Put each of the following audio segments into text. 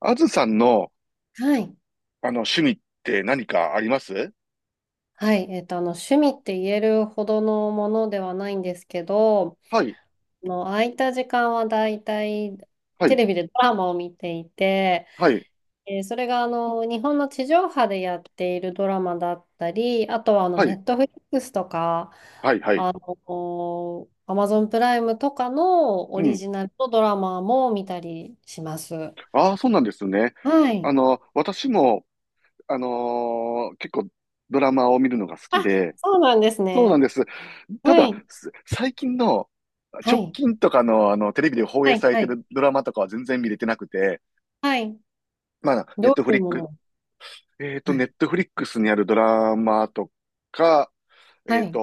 あずさんの、はい。趣味って何かありますはい。趣味って言えるほどのものではないんですけど、はい、空いた時間はだいたいはテい、レビでドラマを見ていて、はい、それが日本の地上波でやっているドラマだったり、あとははネい、ットフリックスとか、はい、はい。アマゾンプライムとかのオうリん。ジナルのドラマも見たりします。ああ、そうなんですね。はあい。の、私も、結構ドラマを見るのが好あ、きで、そうなんですそうなんね。です。たはだ、い。最近の、は直い。近とかの、あの、テレビで放は映さい。れはてい。るドラマとかは全然見れてなくて、はい。まあ、どういうもの。はネい。ットフリックスにあるドラマとか、えはっと、い。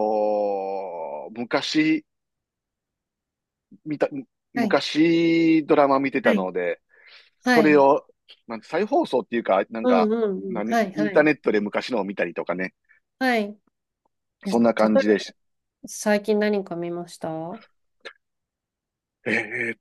昔、見た、はい。昔ドラマ見てたはい。ので、はそれい。を、なんて再放送っていうか、なんうか、んうんうん。何、はい。イはンターい。ネットで昔のを見たりとかね、はい。え、例そえんな感ば、じでし、最近何か見ました？えーっ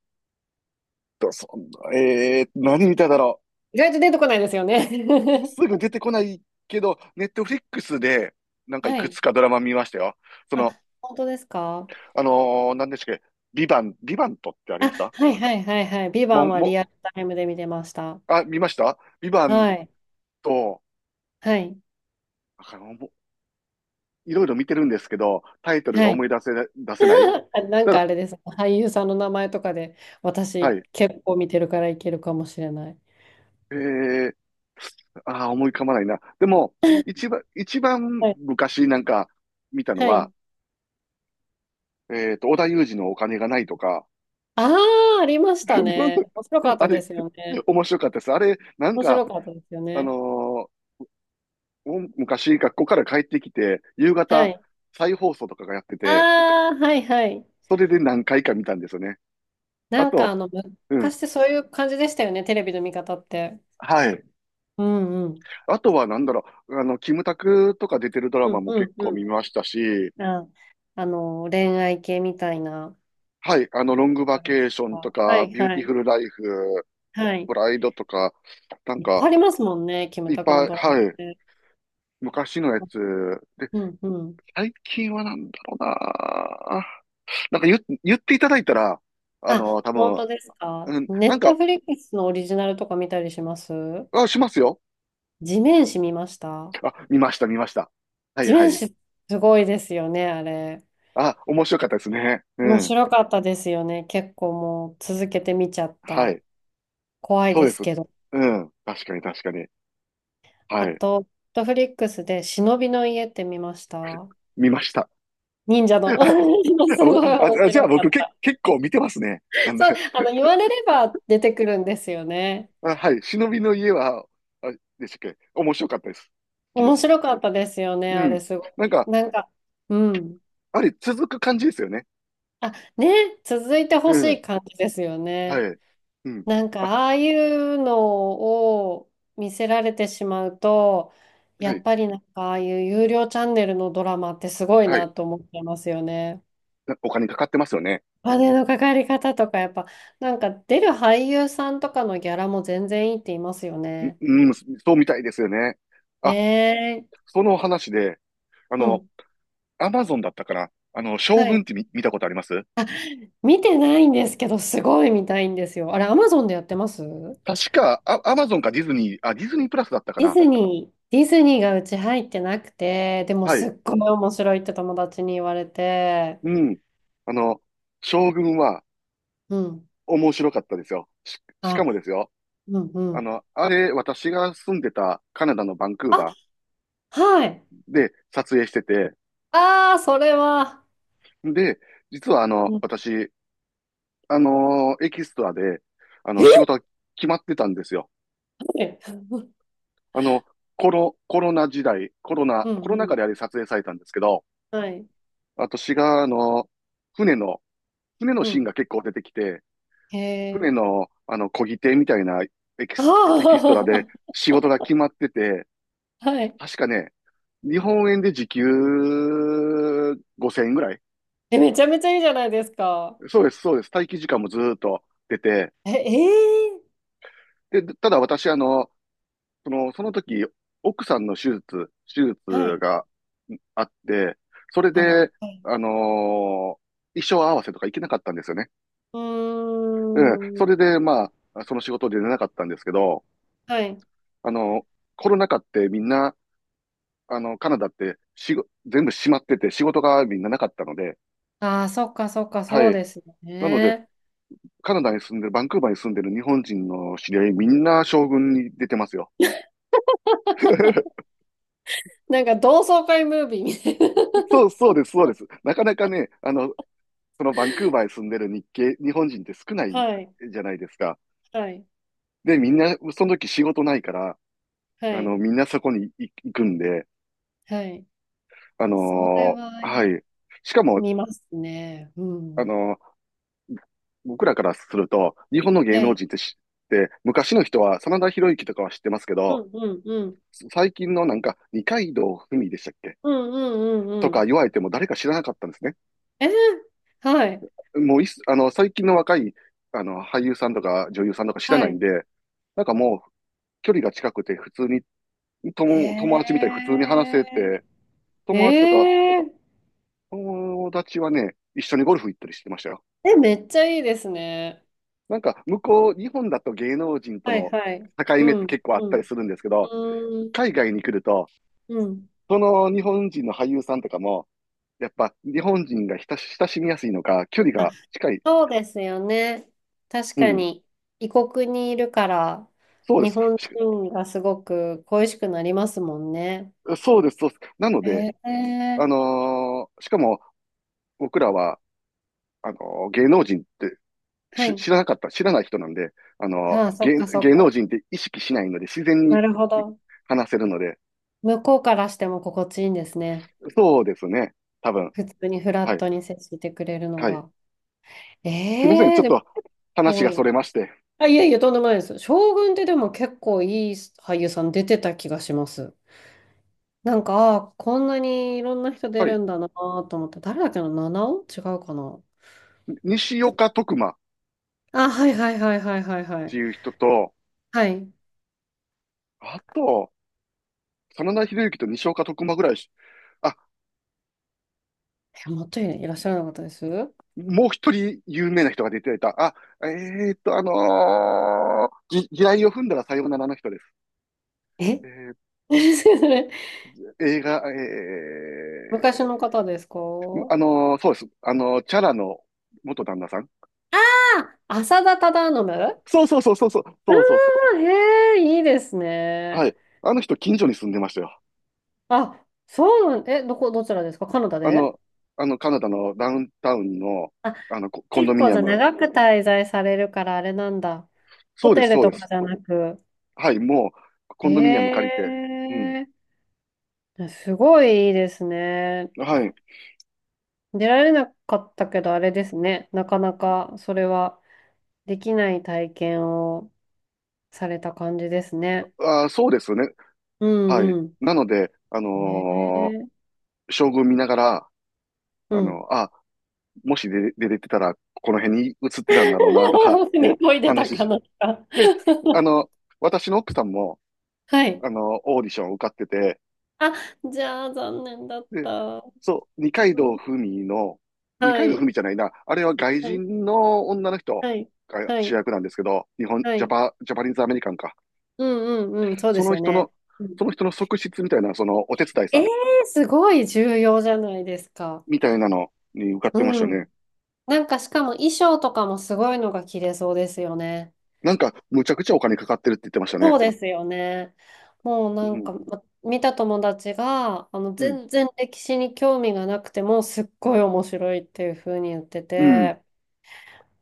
そんな、何見ただろ意外と出てこないですよね。う。すぐ出てこないけど、ネットフリックスで、なんかいはくい。つかドラマ見ましたよ。そあ、の、本当ですか？何でしたっけ、ビバントってありあ、ましたはいはいはいはい。ビバもンうはもリアルタイムで見てました。うあ、見ましたビバンはい。ト。はい。あの、もういろいろ見てるんですけど、タイトルがは思い。い出せ、出せない。あ、なんたかあだ、れです。俳優さんの名前とかで、は私い。結構見てるからいけるかもしれない。ええ、ああー、思い浮かばないな。でも、一番はい。昔なんか見たのはは、い。えっと、織田裕二のお金がないとか、あ、あありましたね。面 白かっあたでれ、すよね。面白かったです。あれ、なん面か、白かったですよあね。のーお昔学校から帰ってきて、夕は方い。再放送とかがやってて、ああ、はいはい。それで何回か見たんですよね。あと、うん、昔ってそういう感じでしたよね、テレビの見方って。はい。うんうん。あとはなんだろう、あの、キムタクとか出てるドラうマんもう結ん構見うましたし、ん。あ、恋愛系みたいな。はい、あの、ロングバケーションとはか、いビューテはィフい。ルライフ、はい。プライドとか、なんいっぱいか、ありますもんね、キムいっタクぱのい、ドラマっはい、て。昔のやつ。で、うんうん。最近はなんだろうな。なんか言、言っていただいたら、あの、あ、多本分、当ですか。うん、ネなんットか、フリックスのオリジナルとか見たりします？あ、しますよ。地面師見ました？あ、見ました、見ました。はい地は面い。師すごいですよね、あれ。あ、面白かったですね。う面ん。白かったですよね。結構もう続けて見ちゃっはた。い。怖いそうでですす。けど。うん。確かに、確かに。あはい。と、ネットフリックスで忍びの家って見ました？見ました。忍者 の。あ、すご僕、い面あ、あじゃ白あか僕、っけ、た。結構見てますね。なんだ、そう、言われれば出てくるんですよね。あ、はい。忍びの家は、あ、でしたっけ、面白かったです。好きで面す。白かったですよね、あうれん。すごなんい。か、なんか、うん。あれ、続く感じですよね。あ、ね、続いてうほしいん。感じですよはね。い。うん。なんかあ、ああいうのを見せられてしまうと、やはっい。ぱりなんかああいう有料チャンネルのドラマってすごいはない。と思ってますよね。なお金かかってますよね。お金のかかり方とかやっぱなんか出る俳優さんとかのギャラも全然いいって言いますよね。うん、そうみたいですよね。ねあ、え。その話で、あうの、ん。アマゾンだったかな、あの、将は軍っい。て見たことありますあ、見てないんですけどすごい見たいんですよ。あれ、アマゾンでやってます？確か、あ、アマゾンかディズニー、あ、ディズニープラスだったかディな。ズニー、ディズニーがうち入ってなくて、でもはすい。っごい面白いって友達に言われて。うん。あの、将軍はうん。面白かったですよ。しかもあ、ですよ。うん、うあん。の、あれ、私が住んでたカナダのバンクーあ、バはい。ーで撮影してて、ああ、それは。で、実はあの、うん、私、あのエキストラで、あの、仕え事が決まってたんですよ。え。 あの、コロ、コロナ時代、コロナ、うコん、ロうナ禍でん。あれ撮影されたんですけど、はい。私が、あの、船の、船のうシーンん。が結構出てきて、へ船え。の、あの、漕ぎ手みたいなエキ あスト、エキストラあ、で仕事が決まってて、はい。確かね、日本円で時給5000円ぐらい。え、めちゃめちゃいいじゃないですか。そうです、そうです。待機時間もずーっと出て、え、えで、ただ私、あの、その時、奥さんの手術、手術え、はい。がんあって、それあら、はで、い。あのー衣装合わせとか行けなかったんですよね。ううん。ーそん。れで、まあ、その仕事で出なかったんですけど、はい。あの、コロナ禍ってみんな、あの、カナダってしご、全部閉まってて仕事がみんななかったので、ああ、そっか、そっか、そはうい。ですよなので、ね。カナダに住んでる、バンクーバーに住んでる日本人の知り合い、みんな将軍に出てますよ。なんか同窓会ムービーみたいな。そう、そうです、そうです。なかなかね、あの、そのバンクーバーに住んでる日本人って少な いはい。じゃないですか。はい。で、みんな、その時仕事ないから、はあい。の、みんなそこに行くんで、はい。あそれのはーはい。しかも、見ますね。うあん。のー僕らからすると、日本の芸は能い。人って知って、昔の人は、真田広之とかは知ってますけうど、んうんうん。最近のなんか、二階堂ふみでしたっけうんうんうんとうかん。言われても誰か知らなかったんですね。え、はい。もういっす、あの、最近の若い、あの、俳優さんとか女優さんとか知らはないんい。で、なんか、距離が近くて普通に、へ友達みたいに普通に話せて、え。友達とか、えー。友達はね、一緒にゴルフ行ったりしてましたよ。え、めっちゃいいですね。なんか、向こう、日本だと芸能人とはいのはい。境う目ってん。結構あっうたりん。するんですけうど、海ーん。外に来ると、うん。その日本人の俳優さんとかも、やっぱ日本人が親しみやすいのか、距離あ、が近い。そうですよね。確うかん、に、異国にいるから、そうで日す。本人がすごく恋しくなりますもんね。そうです、そうです。なので、へえ。あのーしかも僕らは、あのー芸能人ってはい。知らない人なんで、あの、ああ、そっかそっ芸か。能人って意識しないので、自然なにるほど。話せるので、向こうからしても心地いいんですね。そうですね、多分。普通にフラはッい、トに接してくれるのはい。が。すみません、えちえ、ょっでもと話こがそう、れまして。あ、いやいや、とんでもないです。将軍ってでも結構いい俳優さん出てた気がします。なんか、あーこんなにいろんな人出はるい、んだなと思って、誰だっけな、七尾違うかな。西結構岡徳馬っあ、はいはいはいはいはいはてい。いう人と、はい。あと、真田広之と西岡徳馬ぐらいし、あ、え、もっといらっしゃらなかったです？もう一人有名な人が出ていた。あ、ぎ地雷を踏んだらさようならの人です。ええ。 それー、映画、昔え、の方ですか？そうです。あのーチャラの元旦那さん。あ、浅田忠信、ああそうそうそー、へえ、いいですう。はね。い。あの人、近所に住んでましたよ。あ、そうなん、え、どこ、どちらですか？カナダあで？の、あの、カナダのダウンタウンの、あ、あの、コンド結ミ構ニじアゃあム。長く滞在されるからあれなんだ。ホそうでテす、ルそうとでかす。じゃなく。はい、もう、へコンドミニアム借りて。うん。え、すごいいいですね。はい。出られなかったけどあれですね。なかなかそれはできない体験をされた感じですね。あー、そうですよね。うはい。んうなので、あん。へのーえ、将軍見ながら、うあん。の、あ、もし出、出れてたら、この辺に移ってたんだろうな、とかっ 船てこいでた話かし。なか。 で、あ の、私の奥さんも、はい。あの、オーディションを受かってて、あ、じゃあ残念だっで、た。そう、二階う堂ん、ふみの、二は階堂ふみい。じゃないな、あれは外はい。人の女の人はい。がは主い。役なんですけど、日本、はい。ジャパニーズアメリカンか。うんうんうん。そうでそすのよ人の、ね。うん、その人の側室みたいな、そのお手伝いさえー、んすごい重要じゃないですか。みたいなのに受かってましうたね。ん。なんかしかも衣装とかもすごいのが着れそうですよね。なんか、むちゃくちゃお金かかってるって言ってましたね。そうですよね。もううなんん、か、ま見た友達が、うん、全然歴史に興味がなくても、すっごい面白いっていう風に言ってうん。て、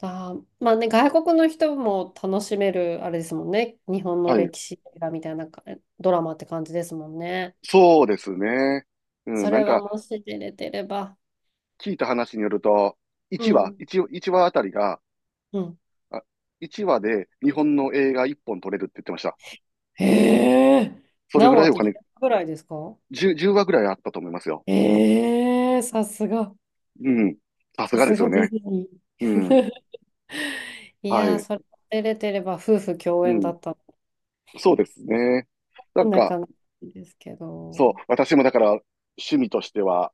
あー、まあね、外国の人も楽しめる、あれですもんね。日本のはい。歴史映画みたいなかドラマって感じですもんね。そうですね。うん、そなんれはか、もし出れてれば。聞いた話によると、う1話、ん。いち一話あたりが、うん。あ、1話で日本の映画1本撮れるって言ってました。へえ。それ何ぐら話いおと金、10ぐらいですか？10、話ぐらいあったと思いますよ。ええー、さすが。うん。さすさがですすよがディね。ズニうん。ー。いはやー、い。それ出れてれば夫婦共う演だん。ったそうですね。なんのなか、かなかですけそう、ど。私もだから趣味としては、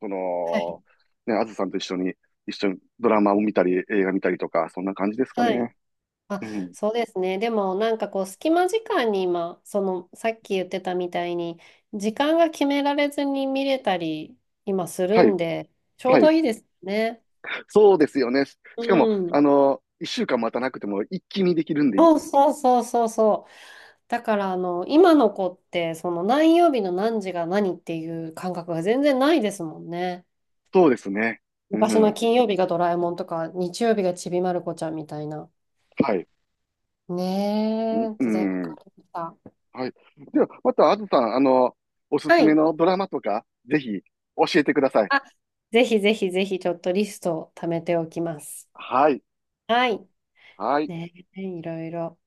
そはい。の、ね、あずさんと一緒に、一緒にドラマを見たり、映画見たりとか、そんな感じですかはい。ね。あ、うん。そうですね。でもなんかこう隙間時間に今、そのさっき言ってたみたいに時間が決められずに見れたり今すはるんい。でちょうはどい。いいですね。そうですよね。うしかも、ん。あの、一週間待たなくても一気にできるんで、そうそうそうそうそう。だからあの今の子ってその何曜日の何時が何っていう感覚が全然ないですもんね。そうですね。う昔のん。金曜日がドラえもんとか日曜日がちびまる子ちゃんみたいな。はい。うんねえ、う時代が変ん。わりました。はい。では、また、あずさん、あの、おすはすめい。のドラマとか、ぜひ、教えてください。あ、ぜひぜひぜひちょっとリストを貯めておきます。はい。はい。はい。ね、いろいろ。